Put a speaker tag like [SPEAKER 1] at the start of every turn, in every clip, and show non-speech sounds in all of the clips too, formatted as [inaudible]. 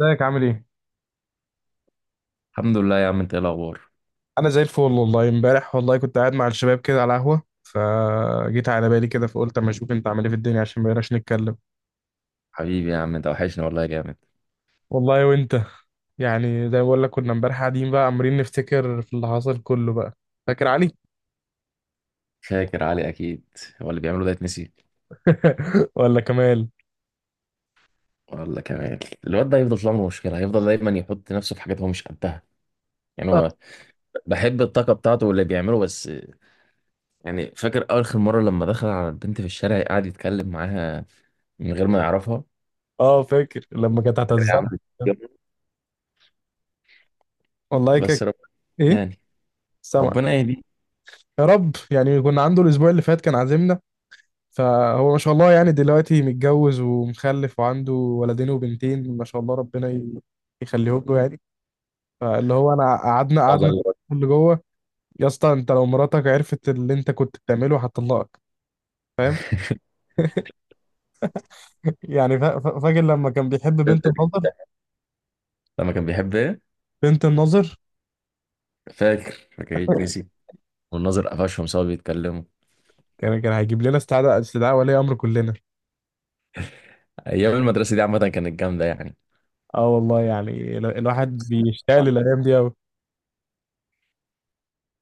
[SPEAKER 1] ازيك عامل ايه؟
[SPEAKER 2] الحمد لله يا عم، انت ايه الاخبار؟
[SPEAKER 1] انا زي الفل والله. امبارح والله كنت قاعد مع الشباب كده على قهوة، فجيت على بالي كده فقلت اما اشوف انت عامل ايه في الدنيا عشان ما بقيناش نتكلم.
[SPEAKER 2] حبيبي يا عم، انت وحشني والله جامد.
[SPEAKER 1] والله وانت. يعني زي ما بقول لك، كنا امبارح قاعدين بقى عمالين نفتكر في اللي حصل كله بقى. فاكر علي؟
[SPEAKER 2] فاكر علي اكيد. هو اللي بيعمله ده يتنسي؟
[SPEAKER 1] [laughs] ولا كمال.
[SPEAKER 2] ولا كمان. الواد ده هيفضل طول عمره مشكله، هيفضل دايما يحط نفسه في حاجات هو مش قدها. يعني
[SPEAKER 1] اه.
[SPEAKER 2] هو بحب الطاقه بتاعته واللي بيعمله بس. يعني فاكر اخر مره لما دخل على البنت في الشارع قعد يتكلم معاها من غير ما يعرفها.
[SPEAKER 1] فاكر لما كانت
[SPEAKER 2] فاكر يا
[SPEAKER 1] هتعزمنا.
[SPEAKER 2] عم.
[SPEAKER 1] والله كده.
[SPEAKER 2] بس رب
[SPEAKER 1] ايه.
[SPEAKER 2] يعني
[SPEAKER 1] سامع.
[SPEAKER 2] ربنا يهديه.
[SPEAKER 1] يا رب. يعني كنا عنده الاسبوع اللي فات، كان عازمنا. فهو ما شاء الله، يعني دلوقتي متجوز ومخلف وعنده ولدين وبنتين ما شاء الله. يخليهم له يعني. فاللي هو انا قعدنا
[SPEAKER 2] الله
[SPEAKER 1] قعدنا
[SPEAKER 2] يرحمه.
[SPEAKER 1] اللي جوه. يا اسطى، انت لو مراتك عرفت اللي انت كنت بتعمله هتطلقك. فاهم؟ فاكر لما كان بيحب بنت
[SPEAKER 2] [laughs]
[SPEAKER 1] الناظر؟
[SPEAKER 2] لما كان بيحب ايه؟
[SPEAKER 1] بنت الناظر.
[SPEAKER 2] فاكر فاكر يتنسي. والناظر قفشهم سوا بيتكلموا.
[SPEAKER 1] كان هيجيب لنا استدعاء ولي امر كلنا.
[SPEAKER 2] ايام المدرسه دي عامه كانت جامده يعني.
[SPEAKER 1] اه والله، الواحد بيشتاق
[SPEAKER 2] ولا-
[SPEAKER 1] للايام دي قوي.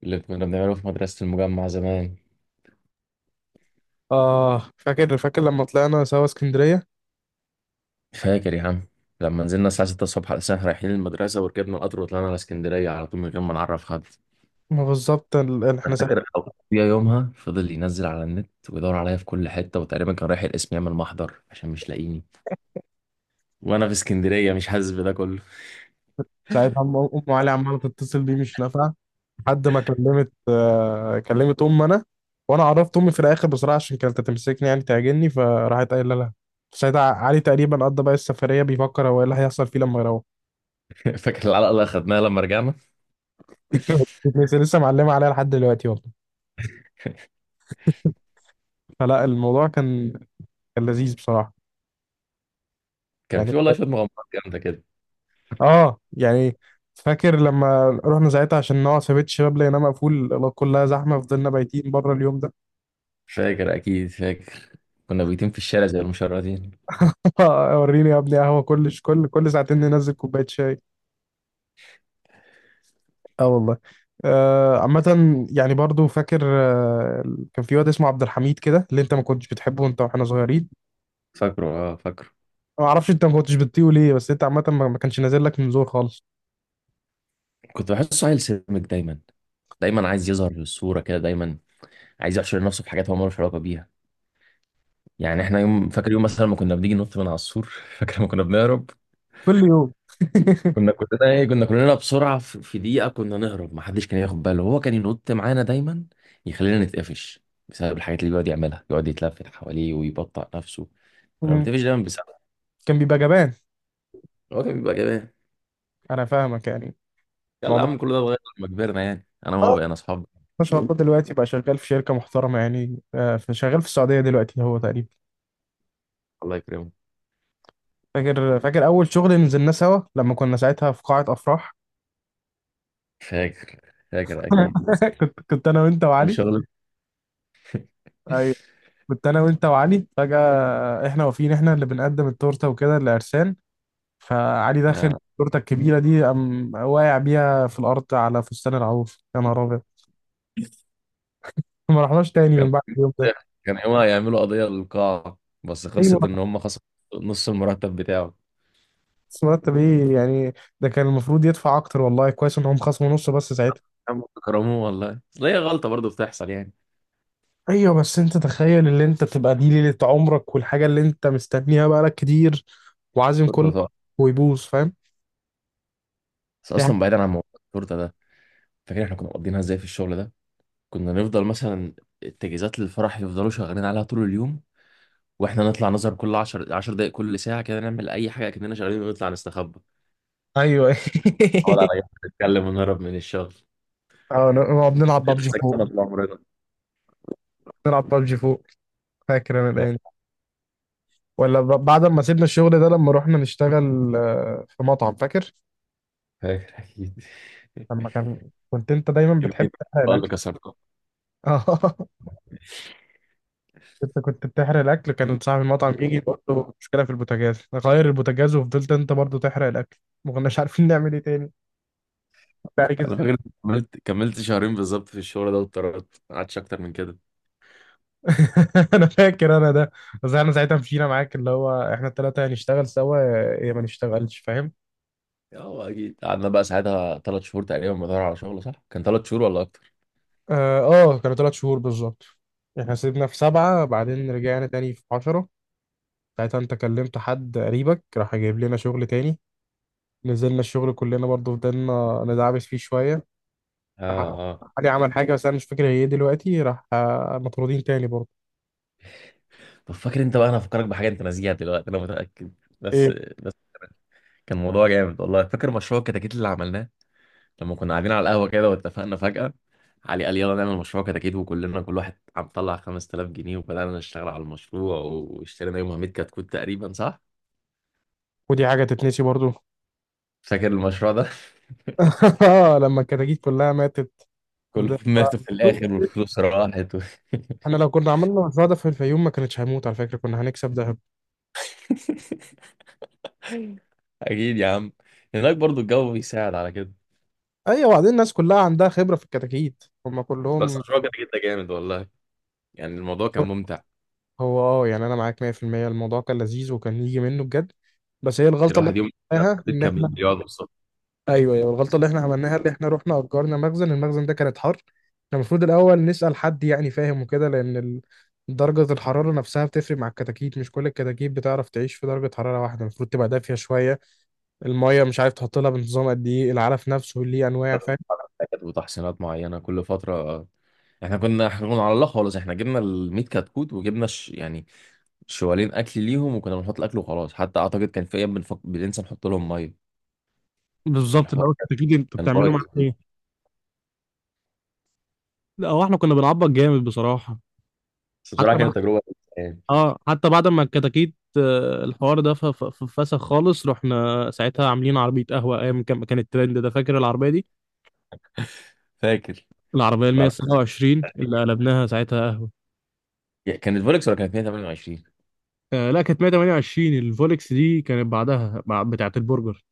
[SPEAKER 2] اللي كنا بنعمله في مدرسة المجمع زمان.
[SPEAKER 1] اه، فاكر لما طلعنا سوا اسكندريه.
[SPEAKER 2] فاكر يا عم. لما نزلنا الساعة 6 الصبح على الساعة رايحين المدرسة، وركبنا القطر وطلعنا على اسكندرية على طول من غير ما نعرف حد.
[SPEAKER 1] ما بالظبط ال- ال- احنا
[SPEAKER 2] فاكر. يا يومها فضل ينزل على النت ويدور عليا في كل حتة، وتقريبا كان رايح القسم يعمل محضر عشان مش لاقيني، وأنا في اسكندرية مش حاسس بده كله.
[SPEAKER 1] ساعتها أم علي عمالة تتصل بيه مش نافعة، لحد ما كلمت، كلمت أم أنا. وأنا عرفت أمي في الآخر بصراحة، عشان كانت هتمسكني يعني تعجني، فراحت قايلة لها. ساعتها علي تقريبا قضى بقى السفرية بيفكر هو إيه اللي هيحصل فيه لما يروح.
[SPEAKER 2] [laughs] فاكر العلقة اللي أخدناها لما رجعنا.
[SPEAKER 1] [laughs]
[SPEAKER 2] [laughs]
[SPEAKER 1] لسه معلمة عليها لحد دلوقتي والله. فلا الموضوع كان، كان لذيذ بصراحة.
[SPEAKER 2] كان
[SPEAKER 1] يعني.
[SPEAKER 2] في والله شوية مغامرات جامدة كده.
[SPEAKER 1] اه يعني. فاكر لما رحنا ساعتها عشان نقعد في بيت الشباب، لقيناه مقفول كلها زحمة، فضلنا بايتين بره اليوم ده.
[SPEAKER 2] فاكر أكيد فاكر. كنا بيتين في الشارع زي المشردين.
[SPEAKER 1] [laughs] وريني يا ابني قهوه، كل ساعتين ننزل كوبايه شاي. اه والله. عامة يعني برضو فاكر، كان في واد اسمه عبد الحميد كده اللي انت ما كنتش بتحبه وانت واحنا صغيرين.
[SPEAKER 2] فاكره، اه، فاكره.
[SPEAKER 1] ما اعرفش انت ما كنتش بتطيقه ليه، بس انت عامة ما كانش نازل لك من زور خالص.
[SPEAKER 2] كنت بحسه عيل سمج دايما، دايما عايز يظهر في الصورة كده، دايما عايز يحشر نفسه في حاجات هو مالوش علاقة بيها. يعني احنا يوم، فاكر يوم مثلا ما كنا بنيجي ننط من على السور. [laughs] فاكر ما كنا بنهرب.
[SPEAKER 1] كل يوم. [laughs]
[SPEAKER 2] كنا كلنا بسرعة، في دقيقة كنا نهرب، ما حدش كان ياخد باله. هو كان ينط معانا دايما يخلينا نتقفش، بسبب الحاجات اللي بيقعد يعملها، يقعد يتلفت حواليه ويبطأ نفسه. كنا
[SPEAKER 1] مم.
[SPEAKER 2] بنتقفش دايما بسبب.
[SPEAKER 1] كان بيبقى جبان.
[SPEAKER 2] هو كان بيبقى جبان.
[SPEAKER 1] انا فاهمك يعني.
[SPEAKER 2] يلا يا
[SPEAKER 1] الموضوع.
[SPEAKER 2] عم، كل ده اتغير لما كبرنا. يعني انا وهو
[SPEAKER 1] اه،
[SPEAKER 2] بقينا اصحاب.
[SPEAKER 1] ما شاء الله دلوقتي بقى شغال في شركة محترمة يعني، شغال في السعودية دلوقتي هو تقريبا.
[SPEAKER 2] الله يكرمه.
[SPEAKER 1] فاكر اول شغل نزلناه سوا لما كنا ساعتها في قاعة افراح.
[SPEAKER 2] فاكر، فاكر اكيد.
[SPEAKER 1] [laughs] كنت انا وانت
[SPEAKER 2] كان
[SPEAKER 1] وعلي.
[SPEAKER 2] شغل.
[SPEAKER 1] ايوه،
[SPEAKER 2] [laughs]
[SPEAKER 1] كنت انا وانت وعلي. فجأة احنا واقفين احنا اللي بنقدم التورته وكده لعرسان. فعلي داخل
[SPEAKER 2] يعني
[SPEAKER 1] التورته الكبيره دي، قام واقع بيها في الارض على فستان العروس. يا نهار ابيض. ما رحناش تاني
[SPEAKER 2] كان
[SPEAKER 1] من بعد اليوم ده.
[SPEAKER 2] كان يومها يعملوا قضية للقاعة، بس خلصت
[SPEAKER 1] ايوه.
[SPEAKER 2] إن هم خسروا نص المرتب بتاعه.
[SPEAKER 1] بس مرتب ايه يعني؟ ده كان المفروض يدفع اكتر، والله كويس ان هم خصموا نص بس ساعتها.
[SPEAKER 2] عم كرموه والله، أصل هي غلطة برضه بتحصل يعني.
[SPEAKER 1] ايوه، بس انت تخيل، اللي انت بتبقى دي ليله عمرك والحاجه اللي انت مستنيها بقالك كتير، وعازم
[SPEAKER 2] التورتة
[SPEAKER 1] كله،
[SPEAKER 2] طبعا.
[SPEAKER 1] ويبوظ. فاهم؟
[SPEAKER 2] بس
[SPEAKER 1] يعني.
[SPEAKER 2] أصلا بعيدا عن موضوع التورتة ده، فاكر إحنا كنا مقضينها إزاي في الشغل ده؟ كنا نفضل مثلا التجهيزات للفرح يفضلوا شغالين عليها طول اليوم، وإحنا نطلع نظهر كل 10 10 دقايق كل ساعة كده، نعمل أي حاجة كأننا شغالين ونطلع نستخبى،
[SPEAKER 1] ايوه.
[SPEAKER 2] نقعد
[SPEAKER 1] [laughs]
[SPEAKER 2] على جنب نتكلم ونهرب من الشغل.
[SPEAKER 1] اه، نقعد نلعب
[SPEAKER 2] دي
[SPEAKER 1] بابجي فوق.
[SPEAKER 2] سكتنا طول عمرنا.
[SPEAKER 1] نلعب بابجي فوق. فاكر انا
[SPEAKER 2] لا،
[SPEAKER 1] الايام دي. بعد ما سيبنا الشغل ده، لما رحنا نشتغل في مطعم، فاكر
[SPEAKER 2] فاكر أكيد.
[SPEAKER 1] لما كان، كنت انت
[SPEAKER 2] [laughs]
[SPEAKER 1] دايما
[SPEAKER 2] كمية
[SPEAKER 1] بتحب
[SPEAKER 2] الأطفال
[SPEAKER 1] تحرق
[SPEAKER 2] اللي
[SPEAKER 1] الاكل.
[SPEAKER 2] كسرتهم!
[SPEAKER 1] [laughs] اه. انت كنت بتحرق الاكل، كان صاحب المطعم يجي يقول له مشكله في البوتاجاز، غير البوتاجاز وفضلت انت برضو تحرق الاكل. ما كناش عارفين نعمل ايه تاني. كنت عليك
[SPEAKER 2] انا
[SPEAKER 1] ازاي.
[SPEAKER 2] فاكر إني كملت شهرين بالظبط في الشغل ده واتطردت، ما قعدتش اكتر من كده.
[SPEAKER 1] [laughs] انا فاكر انا ده. بس احنا ساعتها مشينا معاك، اللي هو احنا الثلاثه هنشتغل سوا يا ما نشتغلش. فاهم؟
[SPEAKER 2] اه اكيد، قعدنا بقى ساعتها 3 شهور تقريبا بدور على شغل. صح كان 3 شهور ولا اكتر؟
[SPEAKER 1] اه. كانوا 3 شهور بالظبط. احنا سيبنا في سبعة، بعدين رجعنا تاني في عشرة. ساعتها انت كلمت حد قريبك، راح جايب لنا شغل تاني. نزلنا الشغل كلنا برضه، فضلنا ندعبس فيه شوية.
[SPEAKER 2] اه،
[SPEAKER 1] راح-
[SPEAKER 2] اه.
[SPEAKER 1] علي عمل حاجة بس أنا مش فاكر هي إيه دلوقتي. راح مطرودين تاني برضه.
[SPEAKER 2] طب فاكر انت بقى، انا هفكرك بحاجه انت ناسيها دلوقتي انا متاكد. بس
[SPEAKER 1] إيه؟
[SPEAKER 2] بس كان موضوع جامد والله. فاكر مشروع الكتاكيت اللي عملناه لما كنا قاعدين على القهوه كده واتفقنا فجاه؟ علي قال يلا نعمل مشروع كتاكيت، وكلنا كل واحد عم طلع 5000 جنيه، وبدانا نشتغل على المشروع، واشترينا يومها 100 كتكوت تقريبا. صح
[SPEAKER 1] ودي حاجة تتنسي برضه؟
[SPEAKER 2] فاكر المشروع ده؟ [laughs]
[SPEAKER 1] [laughs] لما الكتاكيت كلها ماتت.
[SPEAKER 2] كلهم
[SPEAKER 1] وده-
[SPEAKER 2] ماتوا في الآخر والفلوس راحت و... [laughs]
[SPEAKER 1] احنا لو كنا عملنا المشروع ده في الفيوم، ما كانتش هيموت على فكرة، كنا هنكسب دهب.
[SPEAKER 2] أكيد يا عم. هناك برضو الجو بيساعد على كده.
[SPEAKER 1] ايوه، وبعدين الناس كلها عندها خبرة في الكتاكيت هم
[SPEAKER 2] بس
[SPEAKER 1] كلهم.
[SPEAKER 2] المشروع كده كده جامد والله. يعني الموضوع كان ممتع.
[SPEAKER 1] هو اه يعني انا معاك 100%. الموضوع كان لذيذ وكان يجي منه بجد، بس هي الغلطه اللي
[SPEAKER 2] الواحد يوم
[SPEAKER 1] احنا
[SPEAKER 2] في
[SPEAKER 1] عملناها
[SPEAKER 2] البيت
[SPEAKER 1] ان
[SPEAKER 2] كان
[SPEAKER 1] احنا.
[SPEAKER 2] بيقعد يوصل
[SPEAKER 1] ايوه الغلطه اللي احنا عملناها، اللي احنا رحنا اجرنا مخزن، المخزن ده كانت حر، كان المفروض الاول نسال حد يعني، فاهم؟ وكده، درجه الحراره نفسها بتفرق مع الكتاكيت، مش كل الكتاكيت بتعرف تعيش في درجه حراره واحده، المفروض تبقى دافيه شويه. الميه مش عارف تحط لها بنظام قد ايه، العلف نفسه ليه انواع. فاهم؟
[SPEAKER 2] حاجات وتحسينات معينة كل فترة. احنا كنا على الله خالص. احنا جبنا ال 100 كتكوت، وجبنا يعني شوالين اكل ليهم، وكنا بنحط الاكل وخلاص. حتى اعتقد كان في ايام بننسى نحط لهم ميه.
[SPEAKER 1] بالظبط، اللي
[SPEAKER 2] الحوار
[SPEAKER 1] هو الكتاكيت انت
[SPEAKER 2] كان
[SPEAKER 1] بتعمله مع
[SPEAKER 2] بايظ.
[SPEAKER 1] ايه، لا هو احنا كنا بنعبط جامد بصراحه.
[SPEAKER 2] بس
[SPEAKER 1] حتى
[SPEAKER 2] بصراحه كانت تجربه يعني.
[SPEAKER 1] اه، حتى بعد ما الكتاكيت، الحوار ده فسخ خالص، رحنا ساعتها عاملين عربية قهوة، ايام كان كان الترند ده. فاكر العربية دي؟
[SPEAKER 2] [laughs] فاكر
[SPEAKER 1] العربية ال 127 اللي قلبناها ساعتها قهوة.
[SPEAKER 2] كانت فولكس ولا كانت 128؟
[SPEAKER 1] آه لا، كانت 128. الفولكس دي كانت بعدها، بتاعة البرجر.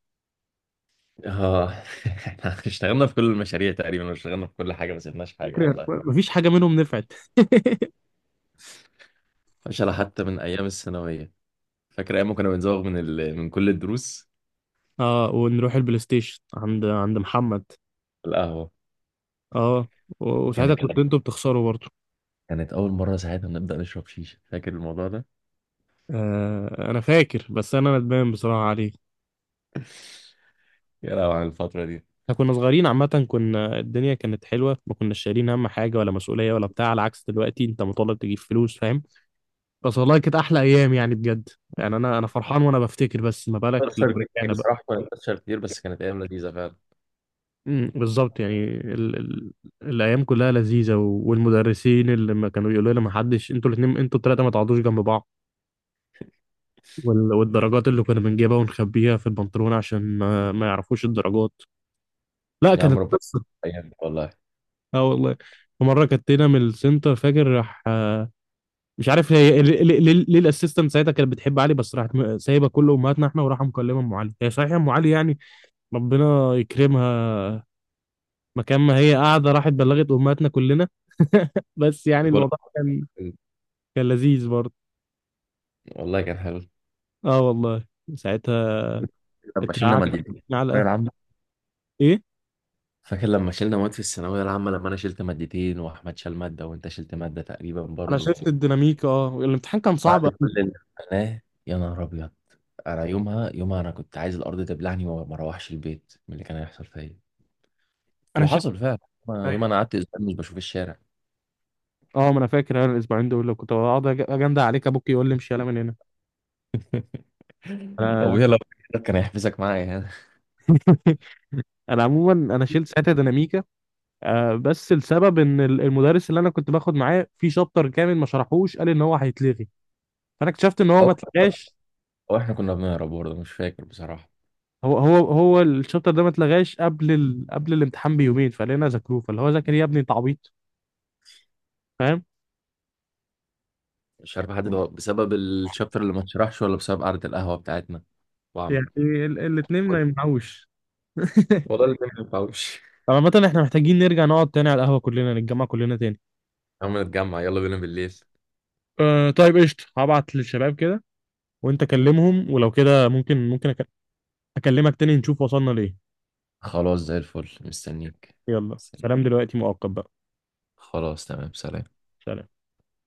[SPEAKER 2] اه. [laughs] احنا اشتغلنا في كل المشاريع تقريبا، واشتغلنا في كل حاجه، ما سيبناش حاجه
[SPEAKER 1] فكرة
[SPEAKER 2] والله.
[SPEAKER 1] مفيش حاجة منهم نفعت. [laughs]
[SPEAKER 2] فشلة حتى من ايام الثانويه. فاكر ايام ما كنا بنزوغ من من كل الدروس؟
[SPEAKER 1] اه، ونروح البلاي ستيشن عند محمد.
[SPEAKER 2] القهوه.
[SPEAKER 1] اه. و- وساعتها
[SPEAKER 2] كانت
[SPEAKER 1] كنت انتوا بتخسروا برضه.
[SPEAKER 2] كانت اول مره ساعتها نبدا نشرب شيشه. فاكر الموضوع ده؟
[SPEAKER 1] آه انا فاكر، بس انا ندمان بصراحة عليه.
[SPEAKER 2] يا لهوي على الفتره دي.
[SPEAKER 1] احنا كنا صغيرين عامة، كنا الدنيا كانت حلوة، ما كناش شايلين هم حاجة ولا مسؤولية ولا بتاع، على عكس دلوقتي انت مطالب تجيب فلوس. فاهم؟ بس والله كانت احلى ايام يعني، بجد. يعني انا انا فرحان وانا بفتكر، بس ما بالك لما
[SPEAKER 2] بتخسر كتير
[SPEAKER 1] رجعنا بقى.
[SPEAKER 2] بصراحه، كنا بنخسر كتير، بس كانت ايام لذيذه فعلا.
[SPEAKER 1] بالظبط، يعني ال... ال... الايام كلها لذيذة، و... والمدرسين اللي ما كانوا يقولوا لنا ما حدش، انتوا الاثنين انتوا الثلاثة ما تقعدوش جنب بعض. وال... والدرجات اللي كنا بنجيبها ونخبيها في البنطلون عشان ما يعرفوش الدرجات. لا
[SPEAKER 2] يا عم
[SPEAKER 1] كانت
[SPEAKER 2] ربنا
[SPEAKER 1] قصة.
[SPEAKER 2] يعينك والله.
[SPEAKER 1] اه والله. في مرة كتينا من السنتر، فاكر؟ راح، مش عارف هي ليه الاسيستنت ساعتها كانت بتحب علي؟ بس راحت سايبه كله، امهاتنا احنا، وراحه مكلمه ام علي. هي صحيح ام علي يعني، ربنا يكرمها. مكان ما هي قاعده راحت بلغت امهاتنا كلنا. [laughs] بس يعني
[SPEAKER 2] كل
[SPEAKER 1] الموضوع كان، كان لذيذ برضه.
[SPEAKER 2] والله كان حلو.
[SPEAKER 1] اه والله. ساعتها
[SPEAKER 2] لما شلنا
[SPEAKER 1] اترعبت.
[SPEAKER 2] مادتين في الثانوية
[SPEAKER 1] علقه.
[SPEAKER 2] العامة.
[SPEAKER 1] ايه.
[SPEAKER 2] فاكر لما شلنا مواد في الثانوية العامة؟ لما أنا شلت مادتين، وأحمد شال مادة، وأنت شلت مادة تقريبا
[SPEAKER 1] انا
[SPEAKER 2] برضو.
[SPEAKER 1] شفت الديناميك، اه الامتحان كان
[SPEAKER 2] بعد
[SPEAKER 1] صعب
[SPEAKER 2] كل
[SPEAKER 1] أوي.
[SPEAKER 2] اللي عملناه، يا نهار أبيض. أنا يومها، يومها أنا كنت عايز الأرض تبلعني، وما ما أروحش البيت من اللي كان هيحصل فيا.
[SPEAKER 1] انا شفت.
[SPEAKER 2] وحصل فعلا. يومها، يومها أنا قعدت أسبوع مش بشوف الشارع.
[SPEAKER 1] اه، ما انا فاكر انا الأسبوعين دول لو كنت بقعد اجندع عليك ابوك يقول لي امشي يلا من هنا.
[SPEAKER 2] [laughs]
[SPEAKER 1] انا.
[SPEAKER 2] أبويا لو كان هيحبسك معايا هنا.
[SPEAKER 1] [laughs] انا عموما انا شلت ساعتها ديناميكا. آه، بس السبب المدرس اللي انا كنت باخد معاه في شابتر كامل ما شرحوش، قال ان هو هيتلغي، فانا اكتشفت ان هو
[SPEAKER 2] أو
[SPEAKER 1] ما اتلغاش.
[SPEAKER 2] أو إحنا كنا بنهرب برضه، مش فاكر بصراحة.
[SPEAKER 1] هو الشابتر ده ما اتلغاش قبل ال... قبل الامتحان بيومين، فلقينا ذاكروه، فاللي هو ذاكر يا ابني انت عبيط. فاهم؟
[SPEAKER 2] مش عارف حد ده بسبب الشابتر اللي ما اتشرحش ولا بسبب قعدة القهوة بتاعتنا. وعم
[SPEAKER 1] يعني ال... الاثنين ما يمنعوش. [laughs]
[SPEAKER 2] والله اللي ما ينفعوش.
[SPEAKER 1] طب عامة احنا محتاجين نرجع نقعد تاني على القهوة، كلنا نتجمع كلنا تاني.
[SPEAKER 2] عم نتجمع، يلا بينا بالليل.
[SPEAKER 1] أه طيب قشطة، هبعت للشباب كده وانت كلمهم، ولو كده اكلمك تاني نشوف وصلنا لإيه.
[SPEAKER 2] خلاص زي الفل، مستنيك.
[SPEAKER 1] يلا
[SPEAKER 2] سلام.
[SPEAKER 1] سلام دلوقتي مؤقت بقى.
[SPEAKER 2] خلاص تمام، سلام.
[SPEAKER 1] سلام.